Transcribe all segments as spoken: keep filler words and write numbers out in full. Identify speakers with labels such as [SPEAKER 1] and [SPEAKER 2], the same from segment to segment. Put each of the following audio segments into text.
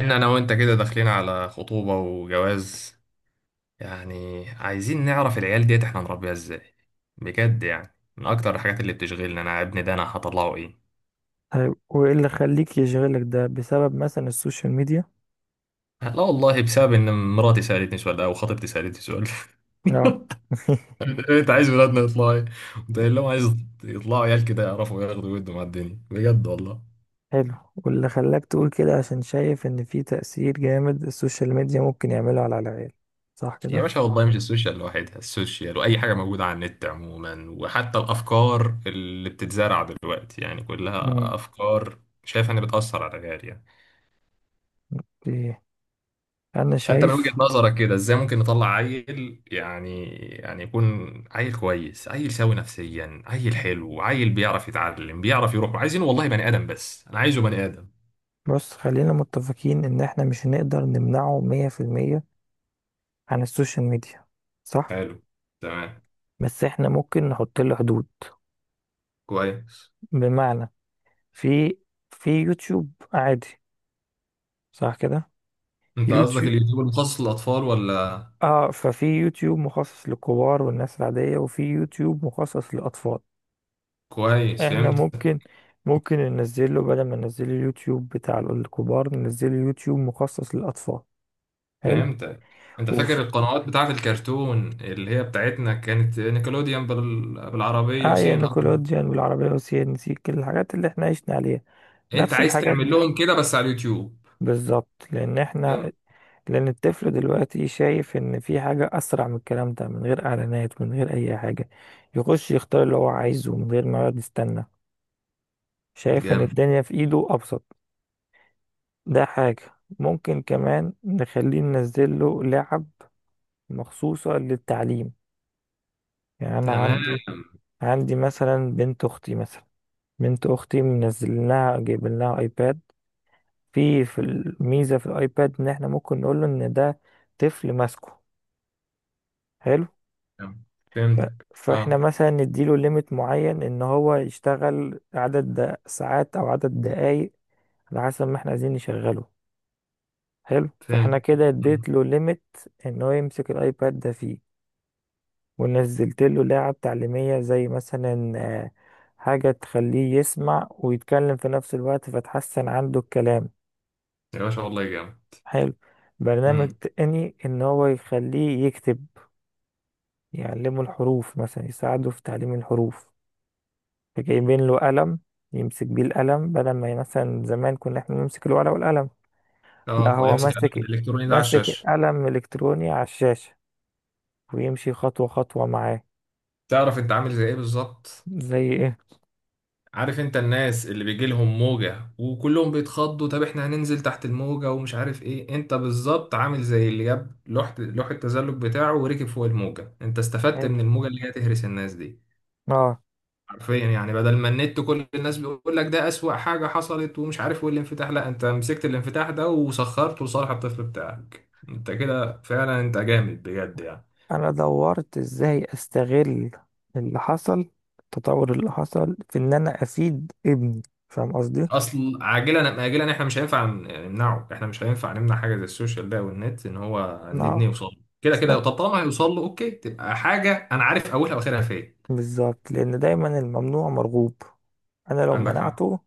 [SPEAKER 1] ان انا وانت كده داخلين على خطوبة وجواز. يعني عايزين نعرف العيال ديت احنا نربيها ازاي. بجد يعني من اكتر الحاجات اللي بتشغلني انا ابني ده انا هطلعه ايه.
[SPEAKER 2] طيب وايه اللي خليك يشغلك ده؟ بسبب مثلا السوشيال ميديا؟
[SPEAKER 1] لا والله بسبب ان مراتي سألتني سؤال ده او خطيبتي سألتني سؤال.
[SPEAKER 2] اه.
[SPEAKER 1] انت عايز ولادنا يطلعوا ايه؟ قلت لهم عايز يطلعوا عيال كده يعرفوا ياخدوا ويدوا مع الدنيا بجد والله.
[SPEAKER 2] حلو. واللي خلاك تقول كده عشان شايف ان في تأثير جامد السوشيال ميديا ممكن يعمله على العيال، صح كده؟
[SPEAKER 1] يا باشا والله مش السوشيال لوحدها، السوشيال واي حاجه موجوده على النت عموما، وحتى الافكار اللي بتتزرع دلوقتي يعني
[SPEAKER 2] مم.
[SPEAKER 1] كلها افكار شايف انها بتاثر على العيال يعني.
[SPEAKER 2] ايه، انا
[SPEAKER 1] فانت من وجهه
[SPEAKER 2] شايف.
[SPEAKER 1] نظرك كده ازاي ممكن نطلع عيل يعني يعني يكون عيل كويس، عيل سوي نفسيا، عيل حلو، عيل بيعرف يتعلم بيعرف يروح، عايزينه والله بني ادم، بس انا عايزه بني ادم.
[SPEAKER 2] بص، خلينا متفقين ان احنا مش هنقدر نمنعه مية في المية عن السوشيال ميديا، صح.
[SPEAKER 1] حلو. تمام.
[SPEAKER 2] بس احنا ممكن نحط له حدود.
[SPEAKER 1] كويس.
[SPEAKER 2] بمعنى، في في يوتيوب عادي، صح كده؟
[SPEAKER 1] انت قصدك
[SPEAKER 2] يوتيوب.
[SPEAKER 1] اليوتيوب المخصص للاطفال ولا؟
[SPEAKER 2] اه، ففي يوتيوب مخصص للكبار والناس العادية، وفي يوتيوب مخصص للأطفال.
[SPEAKER 1] كويس،
[SPEAKER 2] احنا
[SPEAKER 1] فهمت.
[SPEAKER 2] ممكن، ممكن ننزله، بدل ما ننزله اليوتيوب بتاع الكبار، ننزله يوتيوب مخصص للأطفال. حلو.
[SPEAKER 1] فهمتك. انت فاكر
[SPEAKER 2] وفي
[SPEAKER 1] القنوات بتاعت الكرتون اللي هي بتاعتنا كانت نيكلوديان بال... بالعربية
[SPEAKER 2] آية
[SPEAKER 1] وسي ان ار؟
[SPEAKER 2] نيكولوديان والعربية والسي ان سي، كل الحاجات اللي احنا عشنا عليها.
[SPEAKER 1] انت
[SPEAKER 2] نفس
[SPEAKER 1] عايز
[SPEAKER 2] الحاجات
[SPEAKER 1] تعمل
[SPEAKER 2] دي
[SPEAKER 1] لهم كده بس على اليوتيوب؟
[SPEAKER 2] بالظبط. لأن
[SPEAKER 1] جامد.
[SPEAKER 2] احنا لأن الطفل دلوقتي شايف إن في حاجة أسرع من الكلام ده، من غير إعلانات، من غير أي حاجة. يخش يختار اللي هو عايزه من غير ما يقعد يستنى. شايف ان
[SPEAKER 1] جامد.
[SPEAKER 2] الدنيا في ايده ابسط. ده حاجة. ممكن كمان نخليه، ننزل له لعب مخصوصة للتعليم. يعني أنا
[SPEAKER 1] تمام.
[SPEAKER 2] عندي، عندي مثلا بنت أختي. مثلا بنت أختي، منزل لها، جايب لها أيباد. في في الميزة في الأيباد إن إحنا ممكن نقول له إن ده طفل ماسكه. حلو.
[SPEAKER 1] تمام.
[SPEAKER 2] ف-
[SPEAKER 1] فهمتك،
[SPEAKER 2] فإحنا
[SPEAKER 1] اه.
[SPEAKER 2] مثلا نديله ليميت معين إن هو يشتغل عدد د- ساعات أو عدد دقايق، على حسب ما إحنا عايزين نشغله. حلو. فإحنا
[SPEAKER 1] فهمت.
[SPEAKER 2] كده
[SPEAKER 1] مم.
[SPEAKER 2] اديت له ليميت إن هو يمسك الأيباد ده فيه، ونزلت له لعب تعليمية، زي مثلا آه، حاجة تخليه يسمع ويتكلم في نفس الوقت، فتحسن عنده الكلام.
[SPEAKER 1] يا باشا والله جامد.
[SPEAKER 2] حلو. برنامج
[SPEAKER 1] مم.
[SPEAKER 2] تاني ان هو يخليه يكتب، يعلمه الحروف مثلا، يساعده في تعليم الحروف. فجايبين له قلم يمسك بيه القلم، بدل ما مثلا زمان كنا احنا نمسك الورقة والقلم.
[SPEAKER 1] اه،
[SPEAKER 2] لا،
[SPEAKER 1] هو
[SPEAKER 2] هو
[SPEAKER 1] يمسك القلم
[SPEAKER 2] ماسك،
[SPEAKER 1] الالكتروني ده على
[SPEAKER 2] ماسك
[SPEAKER 1] الشاشة؟
[SPEAKER 2] القلم الإلكتروني على الشاشة، ويمشي خطوة خطوة معاه.
[SPEAKER 1] تعرف انت عامل زي ايه بالظبط؟
[SPEAKER 2] زي ايه؟
[SPEAKER 1] عارف انت الناس اللي بيجي لهم موجة وكلهم بيتخضوا؟ طب احنا هننزل تحت الموجة ومش عارف ايه، انت بالظبط عامل زي اللي جاب لوح لوح التزلج بتاعه وركب فوق الموجة. انت استفدت من
[SPEAKER 2] حلو.
[SPEAKER 1] الموجة اللي هي تهرس الناس دي
[SPEAKER 2] اه،
[SPEAKER 1] حرفيا. يعني بدل ما النت كل الناس بيقول لك ده اسوأ حاجة حصلت ومش عارف والانفتاح، لا، انت مسكت الانفتاح ده وسخرته لصالح الطفل بتاعك. انت كده فعلا انت جامد بجد يعني.
[SPEAKER 2] انا دورت ازاي استغل اللي حصل، التطور اللي حصل، في ان انا افيد ابني. فاهم قصدي؟
[SPEAKER 1] اصل عاجلا اجلا احنا مش هينفع ن- نمنعه، احنا مش هينفع نمنع حاجه زي السوشيال بقى والنت، ان هو
[SPEAKER 2] انا
[SPEAKER 1] نبني يوصل له كده كده.
[SPEAKER 2] اصلا
[SPEAKER 1] طب طالما هيوصل له اوكي، تبقى حاجه انا عارف اولها واخرها فين.
[SPEAKER 2] بالظبط. لان دايما الممنوع مرغوب. انا لو
[SPEAKER 1] عندك حق.
[SPEAKER 2] منعته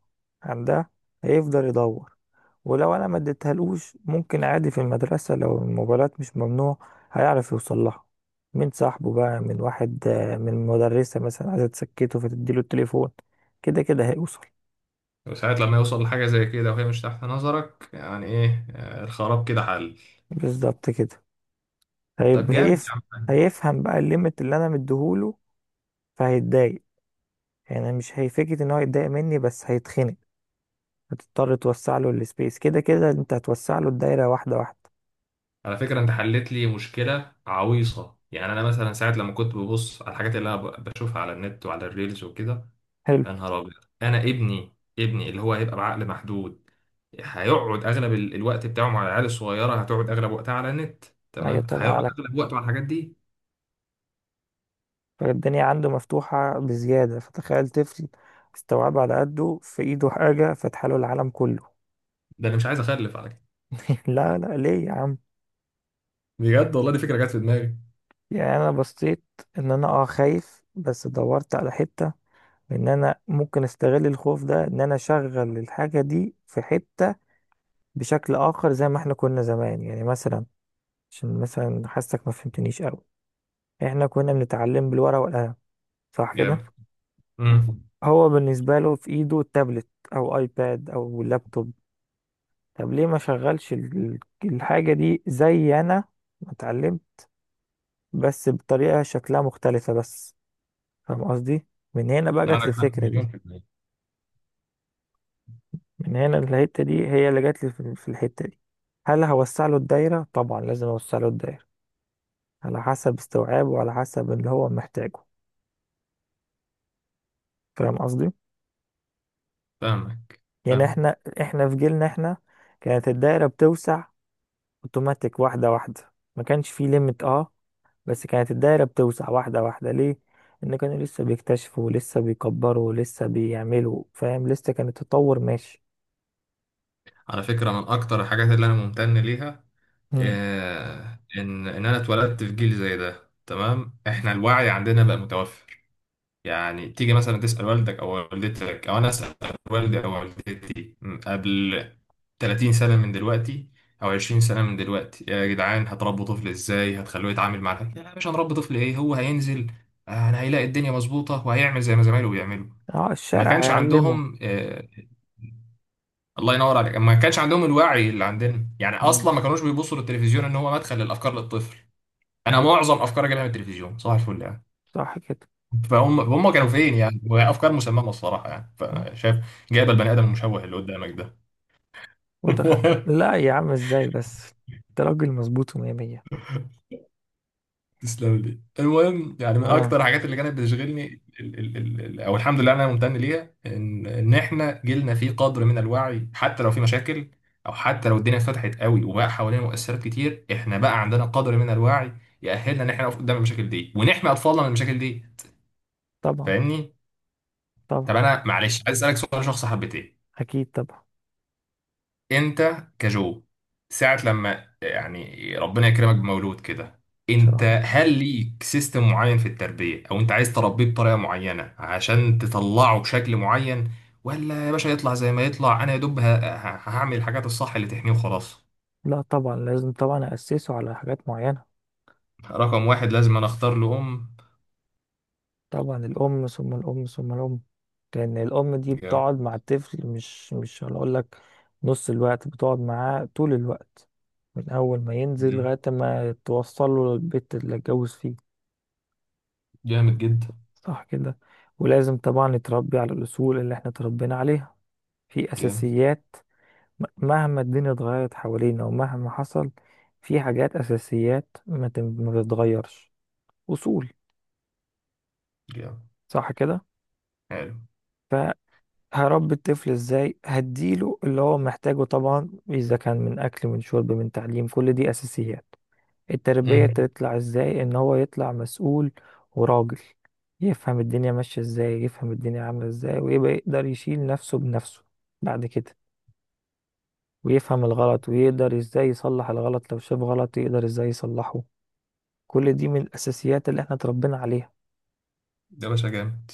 [SPEAKER 2] عن ده، هيفضل يدور. ولو انا ما اديتهالوش، ممكن عادي في المدرسة لو الموبايلات مش ممنوع هيعرف يوصل لها. من صاحبه بقى، من واحد، آه، من مدرسة مثلا عايزة تسكته فتديله التليفون. كده كده هيوصل.
[SPEAKER 1] وساعات لما يوصل لحاجه زي كده وهي مش تحت نظرك يعني ايه، آه، الخراب كده حل.
[SPEAKER 2] بالظبط كده.
[SPEAKER 1] طب
[SPEAKER 2] هيب-
[SPEAKER 1] جامد يا
[SPEAKER 2] هيف...
[SPEAKER 1] عم.
[SPEAKER 2] هيفهم بقى الليميت اللي انا مديهوله، فهيتضايق. يعني مش هيفكر ان هو يتضايق مني، بس هيتخنق. هتضطر توسع له السبيس. كده كده انت هتوسع له الدايره واحده واحده.
[SPEAKER 1] على فكره انت حلت لي مشكله عويصه، يعني انا مثلا ساعات لما كنت ببص على الحاجات اللي انا ب- بشوفها على النت وعلى الريلز وكده.
[SPEAKER 2] حلو.
[SPEAKER 1] يا نهار ابيض. انا ابني، ابني اللي هو هيبقى بعقل محدود، هيقعد اغلب ال- الوقت بتاعه مع العيال الصغيره، هتقعد اغلب وقتها على النت.
[SPEAKER 2] ايوه
[SPEAKER 1] تمام،
[SPEAKER 2] طبعا
[SPEAKER 1] هيقعد
[SPEAKER 2] لك.
[SPEAKER 1] اغلب وقته على الحاجات دي.
[SPEAKER 2] فالدنيا عنده مفتوحه بزياده. فتخيل طفل استوعب على قده، في ايده حاجه فتح له العالم كله.
[SPEAKER 1] ده انا مش عايز اخلف على كده.
[SPEAKER 2] لا لا، ليه يا عم؟
[SPEAKER 1] بجد والله دي فكره جت في دماغي.
[SPEAKER 2] يعني انا بصيت ان انا اه خايف، بس دورت على حته ان انا ممكن استغل الخوف ده، ان انا اشغل الحاجه دي في حته بشكل آخر. زي ما احنا كنا زمان، يعني مثلا، عشان مثلا حاسك ما فهمتنيش أوي، احنا كنا بنتعلم بالورقة والقلم، صح كده؟
[SPEAKER 1] جامد. امم.
[SPEAKER 2] هو بالنسبة له في ايده تابلت، أو ايباد، أو لابتوب. طب ليه ما شغلش ال- الحاجة دي زي أنا ما اتعلمت؟ بس بطريقة شكلها مختلفة بس. فاهم قصدي؟ من هنا بقى جت لي
[SPEAKER 1] عندك حق
[SPEAKER 2] الفكرة
[SPEAKER 1] مليون
[SPEAKER 2] دي.
[SPEAKER 1] في المية.
[SPEAKER 2] من هنا الحتة دي هي اللي جت لي، في في الحتة دي. هل هوسع له الدايرة؟ طبعا لازم اوسع له الدايرة، على حسب استوعابه وعلى حسب اللي هو محتاجه. فاهم قصدي؟
[SPEAKER 1] فاهمك.
[SPEAKER 2] يعني
[SPEAKER 1] فاهم.
[SPEAKER 2] احنا احنا في جيلنا، احنا كانت الدايره بتوسع اوتوماتيك واحده واحده، ما كانش فيه ليميت، اه. بس كانت الدايره بتوسع واحده واحده. ليه؟ ان كانوا لسه بيكتشفوا، ولسه بيكبروا، ولسه بيعملوا، فاهم، لسه كان التطور ماشي.
[SPEAKER 1] على فكره من اكتر الحاجات اللي انا ممتن ليها
[SPEAKER 2] مم.
[SPEAKER 1] آه، ان ان انا اتولدت في جيل زي ده. تمام، احنا الوعي عندنا بقى متوفر. يعني تيجي مثلا تسأل والدك أو والدتك، أو أنا أسأل والدي أو والدتي م، قبل تلاتين سنة من دلوقتي أو عشرين سنة من دلوقتي: يا جدعان هتربوا طفل إزاي؟ هتخلوه يتعامل مع الحاجة؟ لا، مش هنربي طفل إيه، هو هينزل آه، أنا هيلاقي الدنيا مظبوطة وهيعمل زي ما زمايله بيعملوا.
[SPEAKER 2] اه،
[SPEAKER 1] ما
[SPEAKER 2] الشارع
[SPEAKER 1] كانش
[SPEAKER 2] هيعلمه.
[SPEAKER 1] عندهم آه، الله ينور عليك، ما كانش عندهم الوعي اللي عندنا. يعني اصلا
[SPEAKER 2] مم.
[SPEAKER 1] ما كانوش بيبصوا للتلفزيون ان هو مدخل للافكار للطفل. انا
[SPEAKER 2] ايوه،
[SPEAKER 1] معظم افكاري جايه من التلفزيون صباح الفل يعني.
[SPEAKER 2] صح كده.
[SPEAKER 1] فهم هم كانوا فين يعني؟ وافكار مسممه الصراحه يعني،
[SPEAKER 2] نعم.
[SPEAKER 1] فشايف جايب البني ادم المشوه اللي قدامك ده.
[SPEAKER 2] وتخ... لا يا عم، ازاي بس؟ انت راجل مظبوط ومية مية.
[SPEAKER 1] تسلم لي. المهم يعني من
[SPEAKER 2] اه،
[SPEAKER 1] اكتر الحاجات اللي كانت بتشغلني ال ال ال ال او الحمد لله انا ممتن ليها ان ان احنا جيلنا فيه قدر من الوعي، حتى لو في مشاكل او حتى لو الدنيا اتفتحت قوي وبقى حوالينا مؤثرات كتير، احنا بقى عندنا قدر من الوعي يأهلنا ان احنا نقف قدام المشاكل دي ونحمي اطفالنا من المشاكل دي.
[SPEAKER 2] طبعا،
[SPEAKER 1] فاهمني؟ طب
[SPEAKER 2] طبعا.
[SPEAKER 1] انا معلش عايز اسالك سؤال شخص حبتين.
[SPEAKER 2] اكيد طبعا.
[SPEAKER 1] انت كجو ساعة لما يعني ربنا يكرمك بمولود كده،
[SPEAKER 2] ان شاء الله.
[SPEAKER 1] انت هل ليك سيستم معين في التربية، او انت عايز تربيه بطريقة معينة عشان تطلعه بشكل معين؟ ولا يا باشا يطلع زي ما يطلع، انا يا دوب ه- ه- هعمل الحاجات الصح اللي تحميه وخلاص.
[SPEAKER 2] لا طبعا، لازم طبعا اسسه على حاجات معينة.
[SPEAKER 1] رقم واحد لازم انا اختار له ام.
[SPEAKER 2] طبعا الأم ثم الأم ثم الأم. لأن الأم دي
[SPEAKER 1] جامد.
[SPEAKER 2] بتقعد مع الطفل، مش مش هنقول لك نص الوقت، بتقعد معاه طول الوقت، من أول ما ينزل
[SPEAKER 1] جامد.
[SPEAKER 2] لغاية ما توصل له البيت اللي اتجوز فيه،
[SPEAKER 1] جامد جدا.
[SPEAKER 2] صح كده. ولازم طبعا يتربي على الأصول اللي احنا اتربينا عليها، في
[SPEAKER 1] جامد.
[SPEAKER 2] أساسيات. م- مهما الدنيا اتغيرت حوالينا ومهما حصل، في حاجات أساسيات ما تم- ما تتغيرش. أصول.
[SPEAKER 1] جامد.
[SPEAKER 2] صح كده.
[SPEAKER 1] حلو.
[SPEAKER 2] هربي الطفل ازاي؟ هديله اللي هو محتاجه طبعا، اذا كان من اكل من شرب من تعليم، كل دي اساسيات. التربية
[SPEAKER 1] امم.
[SPEAKER 2] تطلع ازاي؟ ان هو يطلع مسؤول وراجل، يفهم الدنيا ماشية ازاي، يفهم الدنيا عاملة ازاي، ويبقى يقدر يشيل نفسه بنفسه بعد كده. ويفهم الغلط، ويقدر ازاي يصلح الغلط، لو شاف غلط يقدر ازاي يصلحه. كل دي من الاساسيات اللي احنا اتربينا عليها.
[SPEAKER 1] ده باشا جامد.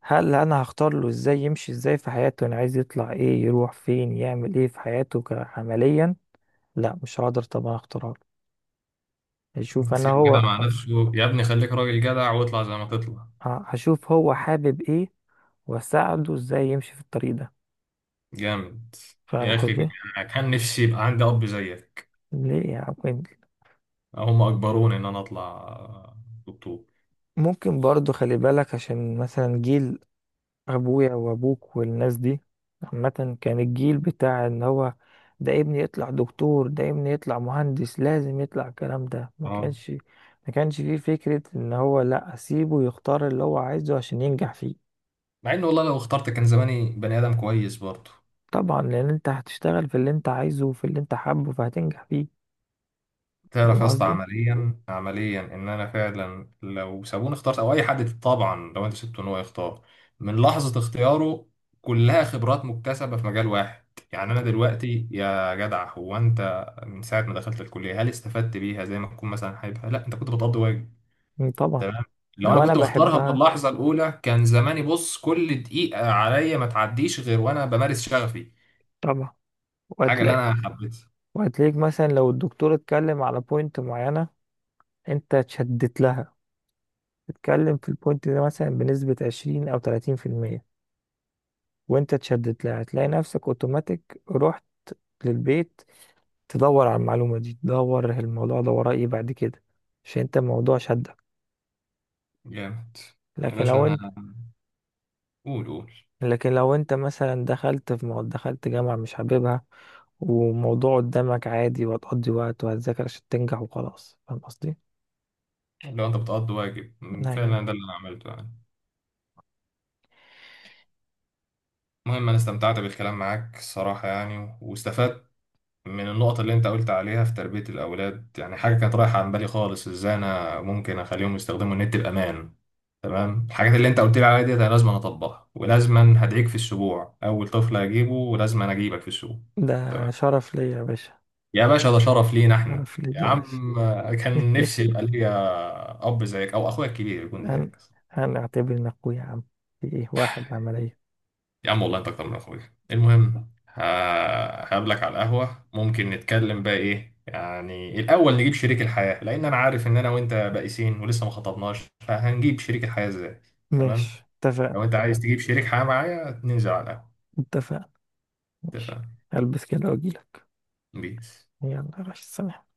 [SPEAKER 2] هل انا هختار له ازاي يمشي ازاي في حياته؟ انا عايز يطلع ايه، يروح فين، يعمل ايه في حياته، ك- عمليا؟ لا مش هقدر طبعا اختار له. هشوف انا
[SPEAKER 1] سيبه كده
[SPEAKER 2] هو
[SPEAKER 1] مع نفسه يا ابني، خليك راجل جدع واطلع زي ما تطلع.
[SPEAKER 2] ه- هشوف هو حابب ايه، واساعده ازاي يمشي في الطريق ده.
[SPEAKER 1] جامد.
[SPEAKER 2] فاهم
[SPEAKER 1] يا اخي
[SPEAKER 2] قصدي؟
[SPEAKER 1] انا كان نفسي يبقى عندي اب زيك.
[SPEAKER 2] ليه يعني؟
[SPEAKER 1] هم اجبروني ان انا اطلع دكتور.
[SPEAKER 2] ممكن برضو خلي بالك، عشان مثلا جيل ابويا وابوك والناس دي عامة كان الجيل بتاع ان هو ده ابني يطلع دكتور، ده ابني يطلع مهندس، لازم يطلع الكلام ده. ما
[SPEAKER 1] اه.
[SPEAKER 2] كانش ما كانش فيه فكرة ان هو لا، اسيبه يختار اللي هو عايزه عشان ينجح فيه.
[SPEAKER 1] مع ان والله لو اخترت كان زماني بني ادم كويس برضه.
[SPEAKER 2] طبعا لان انت هتشتغل في اللي انت عايزه وفي اللي انت حابه، فهتنجح فيه.
[SPEAKER 1] تعرف
[SPEAKER 2] فاهم
[SPEAKER 1] يا اسطى
[SPEAKER 2] قصدي؟
[SPEAKER 1] عمليا، عمليا ان انا فعلا لو سابوني اخترت، او اي حد طبعا لو انت سبته ان هو يختار من لحظه اختياره كلها خبرات مكتسبه في مجال واحد. يعني انا
[SPEAKER 2] ط-
[SPEAKER 1] دلوقتي يا جدع، هو انت من ساعه ما دخلت الكليه هل استفدت بيها زي ما تكون مثلا حاببها؟ لا، انت كنت بتقضي واجب.
[SPEAKER 2] طبعا.
[SPEAKER 1] تمام. لو انا
[SPEAKER 2] لو انا
[SPEAKER 1] كنت مختارها من
[SPEAKER 2] بحبها
[SPEAKER 1] اللحظه الاولى كان زماني بص كل دقيقه عليا ما تعديش غير وانا بمارس شغفي،
[SPEAKER 2] طبعا
[SPEAKER 1] الحاجه اللي
[SPEAKER 2] وهتلاقي،
[SPEAKER 1] انا حبيتها.
[SPEAKER 2] وهتلاقيك مثلا لو الدكتور اتكلم على بوينت معينة انت اتشدت لها، تتكلم في البوينت ده مثلا بنسبة عشرين أو تلاتين في المية وأنت اتشدت لها، هتلاقي نفسك أوتوماتيك رحت للبيت تدور على المعلومة دي، تدور الموضوع ده وراه إيه بعد كده، عشان أنت الموضوع شدك.
[SPEAKER 1] جامد. يا
[SPEAKER 2] لكن
[SPEAKER 1] باشا
[SPEAKER 2] لو
[SPEAKER 1] انا،
[SPEAKER 2] أنت
[SPEAKER 1] قول قول.
[SPEAKER 2] لكن لو أنت مثلا دخلت في مو... دخلت جامعة مش حاببها وموضوع قدامك عادي، وهتقضي وقت وهتذاكر عشان تنجح وخلاص. فاهم قصدي؟
[SPEAKER 1] لو انت بتقضي واجب أمم،
[SPEAKER 2] أيوه،
[SPEAKER 1] فعلا ده اللي انا عملته يعني. المهم انا استمتعت بالكلام معاك الصراحه يعني، واستفدت من النقط اللي انت قلت عليها في تربية الأولاد. يعني حاجة كانت رايحة عن بالي خالص ازاي انا ممكن اخليهم يستخدموا النت بأمان. تمام، الحاجات اللي انت قلت لي عليها دي انا لازم اطبقها، ولازم هدعيك في السبوع اول طفل هجيبه، ولازم انا اجيبك في السوق.
[SPEAKER 2] ده
[SPEAKER 1] تمام.
[SPEAKER 2] شرف ليا يا باشا.
[SPEAKER 1] يا باشا ده شرف لينا احنا
[SPEAKER 2] شرف ليا
[SPEAKER 1] يا
[SPEAKER 2] يا
[SPEAKER 1] عم.
[SPEAKER 2] باشا.
[SPEAKER 1] كان نفسي يبقى ليا اب زيك او اخويا الكبير يكون
[SPEAKER 2] هن...
[SPEAKER 1] زيك.
[SPEAKER 2] هنعتبر إنك أخويا يا عم. في إيه واحد عملية.
[SPEAKER 1] يا عم والله انت اكتر من اخويا. المهم ه- هقابلك على القهوة، ممكن نتكلم بقى ايه يعني الاول، نجيب شريك الحياة. لان انا عارف ان انا وانت بائسين ولسه ما خطبناش، فهنجيب شريك الحياة ازاي. تمام.
[SPEAKER 2] ماشي، اتفقنا.
[SPEAKER 1] لو انت عايز تجيب شريك حياة معايا ننزل على القهوة.
[SPEAKER 2] اتفقنا، ماشي.
[SPEAKER 1] اتفقنا.
[SPEAKER 2] هلبس كده واجيلك.
[SPEAKER 1] بيس.
[SPEAKER 2] يلا يا باشا، سلام.